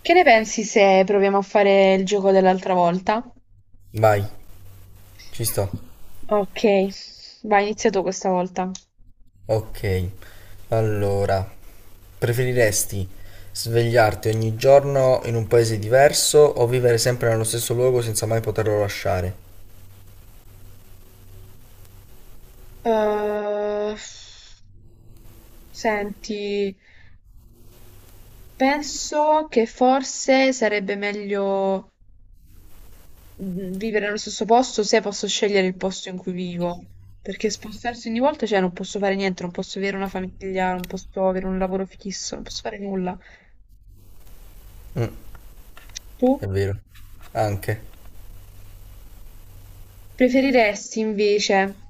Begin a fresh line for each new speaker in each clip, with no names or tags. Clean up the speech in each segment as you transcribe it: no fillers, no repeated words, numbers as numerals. Che ne pensi se proviamo a fare il gioco dell'altra volta?
Vai, ci sto.
Ok, vai, inizia tu questa volta.
Ok, allora, preferiresti svegliarti ogni giorno in un paese diverso o vivere sempre nello stesso luogo senza mai poterlo lasciare?
Eh, Senti, penso che forse sarebbe meglio vivere nello stesso posto se posso scegliere il posto in cui vivo. Perché spostarsi ogni volta, cioè, non posso fare niente, non posso avere una famiglia, non posso avere un lavoro fisso, non posso fare nulla.
Mm,
Tu
è vero, anche.
preferiresti invece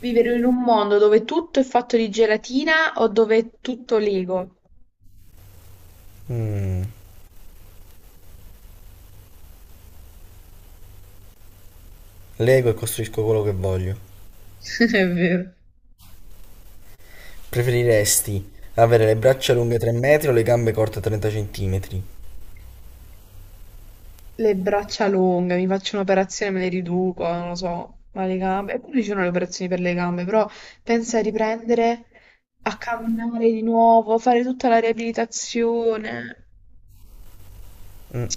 vivere in un mondo dove tutto è fatto di gelatina o dove è tutto Lego.
Mm, lego e costruisco quello che voglio.
È vero.
Preferiresti avere le braccia lunghe 3 metri o le gambe corte 30 centimetri?
Le braccia lunghe, mi faccio un'operazione, me le riduco, non lo so, ma le gambe. Eppure ci sono le operazioni per le gambe, però pensa a riprendere a camminare di nuovo, fare tutta la riabilitazione.
Mm,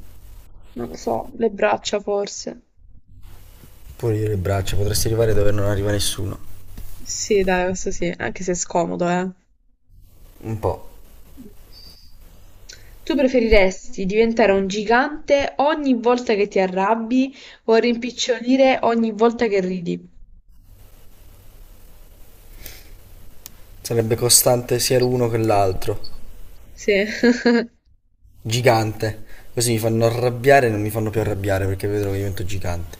Non lo so, le braccia forse.
pure io le braccia, potresti arrivare dove non arriva nessuno.
Sì, dai, questo sì, anche se è scomodo, eh.
Un po'.
Tu preferiresti diventare un gigante ogni volta che ti arrabbi o rimpicciolire ogni volta che ridi?
Sarebbe costante sia l'uno che l'altro.
Sì.
Gigante. Così mi fanno arrabbiare e non mi fanno più arrabbiare perché vedrò che divento gigante.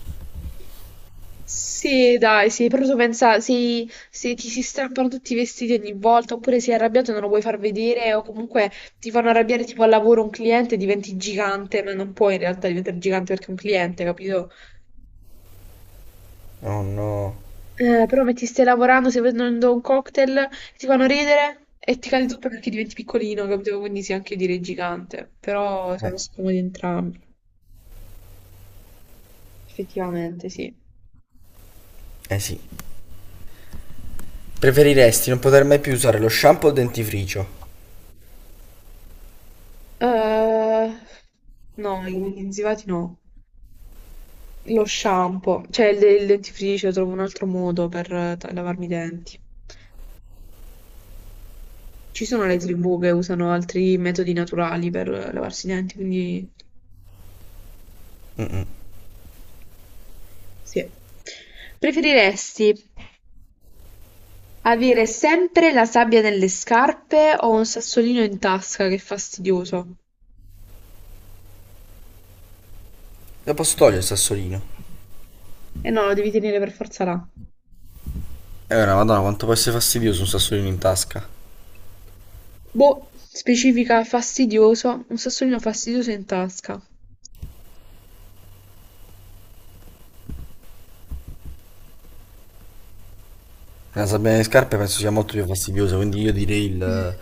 Sì, dai, sì, però tu pensa, se ti si strappano tutti i vestiti ogni volta, oppure sei arrabbiato e non lo vuoi far vedere, o comunque ti fanno arrabbiare tipo al lavoro un cliente, diventi gigante, ma non puoi in realtà diventare gigante perché è un cliente, capito?
Oh no.
Però metti stai lavorando, stai bevendo un cocktail, ti fanno ridere e ti cade tutto perché diventi piccolino, capito? Quindi sì, anche io direi gigante. Però sono
Eh,
scomodi entrambi. Effettivamente, sì.
eh sì. Preferiresti non poter mai più usare lo shampoo o il dentifricio?
Eh, no, i inzivati no. Lo shampoo, cioè il dentifricio, trovo un altro modo per lavarmi i denti. Ci sono le tribù che usano altri metodi naturali per lavarsi i denti, quindi sì. Preferiresti avere sempre la sabbia nelle scarpe o un sassolino in tasca, che fastidioso.
Lo posso togliere il sassolino?
Eh no, lo devi tenere per forza là.
Ora, madonna, quanto può essere fastidioso un sassolino in tasca.
Boh, specifica fastidioso, un sassolino fastidioso in tasca.
Una sabbia nelle scarpe penso sia molto più fastidiosa, quindi io direi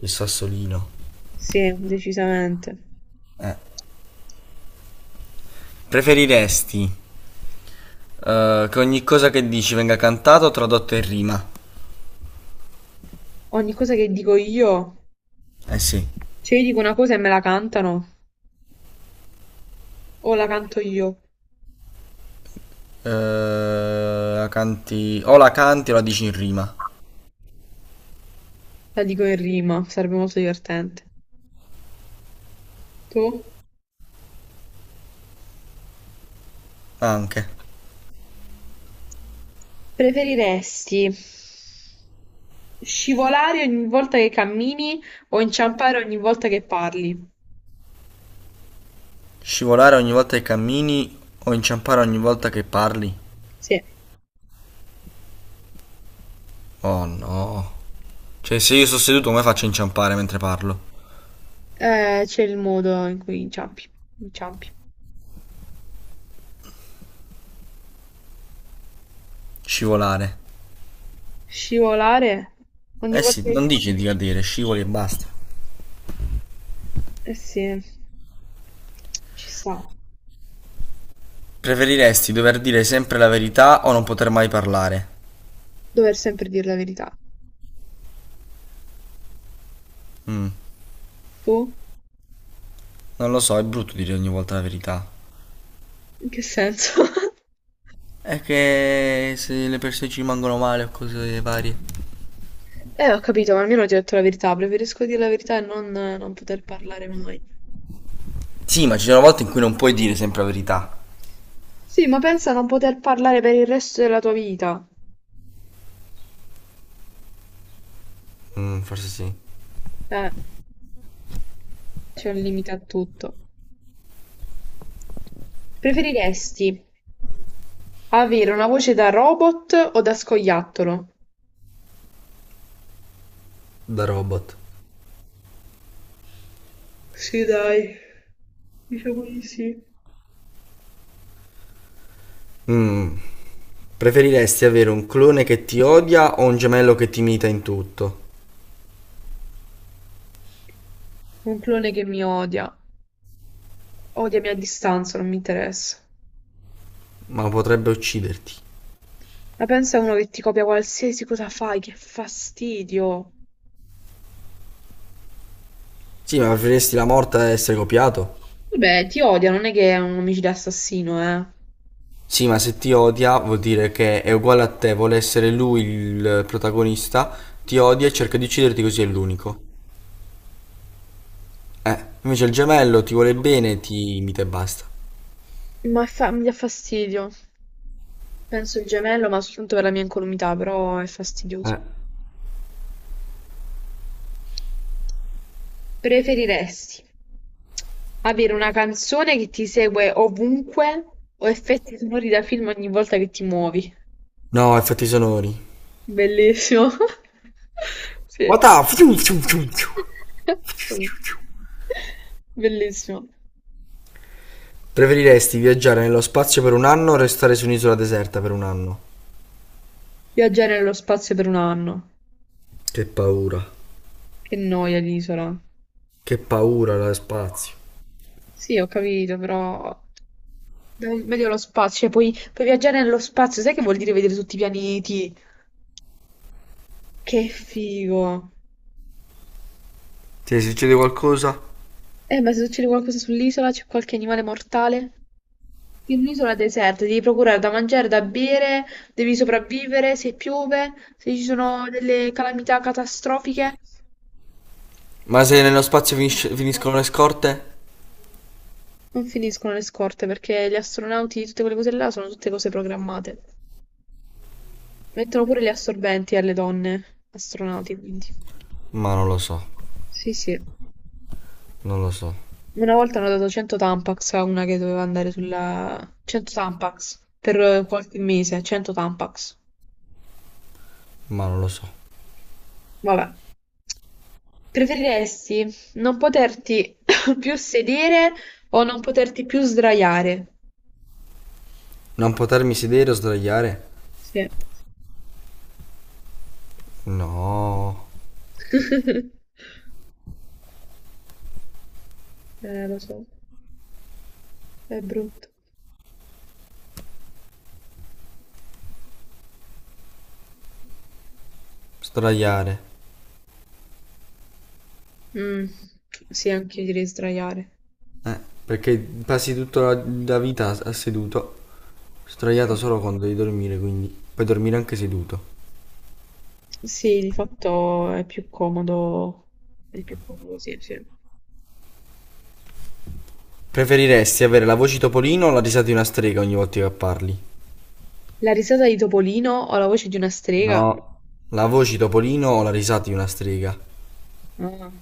il sassolino.
Sì, decisamente.
Eh. Preferiresti che ogni cosa che dici venga cantata o tradotta in rima?
Ogni cosa che dico io,
Eh sì.
cioè io dico una cosa e me la cantano, o la canto io,
La canti... O la canti o la dici in rima.
la dico in rima, sarebbe molto divertente. Tu?
Anche.
Preferiresti scivolare ogni volta che cammini o inciampare ogni volta che parli?
Scivolare ogni volta che cammini o inciampare ogni volta che parli?
Sì,
Oh no. Cioè, se io sto seduto, come faccio a inciampare mentre parlo?
c'è il modo in cui inciampi.
Scivolare.
Scivolare ogni
Eh
volta
sì, non
che...
dici di cadere, scivoli e basta.
Eh sì, ci sta.
Preferiresti dover dire sempre la verità o non poter mai parlare?
Dover sempre dire la verità.
Mm,
Tu?
non lo so, è brutto dire ogni volta la verità.
In che senso?
È che se le persone ci rimangono male o cose varie.
Ho capito, ma almeno ti ho detto la verità. Preferisco dire la verità e non poter parlare mai.
Sì, ma ci sono volte in cui non puoi dire sempre la verità.
Sì, ma pensa a non poter parlare per il resto della tua vita.
Mm, forse sì.
Eh, c'è un limite a tutto. Preferiresti avere una voce da robot o da scoiattolo?
Da robot.
Sì, dai, diciamo di sì.
Mm, preferiresti avere un clone che ti odia o un gemello che ti imita in tutto?
Un clone che mi odia, odiami a distanza, non mi interessa.
Ma potrebbe ucciderti.
Ma pensa a uno che ti copia qualsiasi cosa fai, che fastidio.
Sì, ma preferiresti la morte a essere copiato?
Vabbè, ti odia, non è che è un omicida assassino, eh.
Sì, ma se ti odia vuol dire che è uguale a te, vuole essere lui il protagonista, ti odia e cerca di ucciderti così è l'unico. Invece il gemello ti vuole bene, ti imita e basta.
Ma è mi dà fastidio. Penso il gemello, ma soltanto per la mia incolumità, però è fastidioso.
Eh.
Preferiresti avere una canzone che ti segue ovunque o effetti sonori da film ogni volta che ti muovi?
No, effetti sonori.
Bellissimo. Sì.
What up? Fiu, fiu, fiu, fiu.
Bellissimo.
Preferiresti viaggiare nello spazio per un anno o restare su un'isola deserta per un anno?
Viaggiare nello spazio per un anno.
Che paura.
Che noia l'isola.
Che paura la spazio.
Sì, ho capito, però... dai, meglio lo spazio, cioè puoi viaggiare nello spazio, sai che vuol dire vedere tutti i pianeti? Che figo.
Ti succede qualcosa?
Ma se succede qualcosa sull'isola, c'è qualche animale mortale? In un'isola deserta devi procurare da mangiare, da bere, devi sopravvivere, se piove, se ci sono delle calamità catastrofiche,
Ma se nello spazio finisce- finiscono le scorte?
non finiscono le scorte perché gli astronauti, tutte quelle cose là, sono tutte cose programmate. Mettono pure gli assorbenti alle donne astronauti, quindi.
Ma non lo so,
Sì, sì.
non lo so,
Una volta hanno dato 100 Tampax a una che doveva andare sulla... 100 Tampax per qualche mese, 100 Tampax.
ma non lo so.
Vabbè. Preferiresti non poterti più sedere o non poterti più sdraiare?
Non potermi sedere o sdraiare?
Sì.
No,
Lo so, è brutto.
sdraiare.
Mm, sì, anche io direi sdraiare.
Perché passi tutta la vita a- a seduto,
Sì.
sdraiato solo quando devi dormire, quindi puoi dormire anche seduto.
Sì, di fatto è più comodo. È più comodo, sì, sì.
Preferiresti avere la voce Topolino o la risata di una strega ogni volta che parli?
La risata di Topolino o la voce di una strega?
No, la voce Topolino o la risata di una strega
Ah.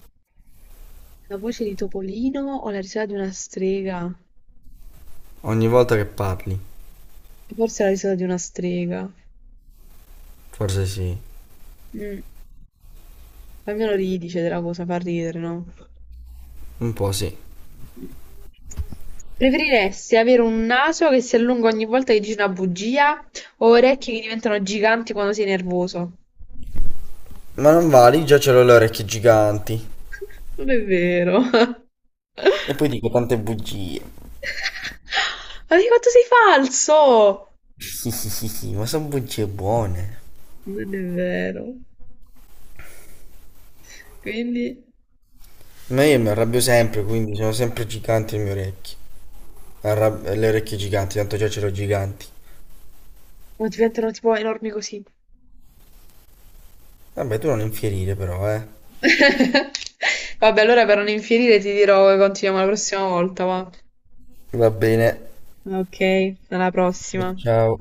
La voce di Topolino o la risata di una strega?
ogni volta che parli?
Forse la risata di una strega.
Forse sì.
Mm. Almeno ridi, cioè, della cosa, fa ridere, no?
Un po' sì.
Preferiresti avere un naso che si allunga ogni volta che dici una bugia o orecchie che diventano giganti quando sei nervoso?
Ma non vali, già ce l'ho le orecchie giganti.
Non è vero.
E poi dico tante bugie.
Ma di quanto sei falso!
Sì, sì, sì, sì, ma sono bugie buone.
Non è vero. Quindi...
Ma io mi arrabbio sempre, quindi sono sempre giganti le mie orecchie. Arrab- le orecchie giganti, tanto già ce l'ho giganti.
O diventano tipo enormi così.
Vabbè, tu non infierire però, eh.
Vabbè, allora per non infierire ti dirò che continuiamo la prossima volta, va.
Va bene.
Ok, alla prossima.
Ciao.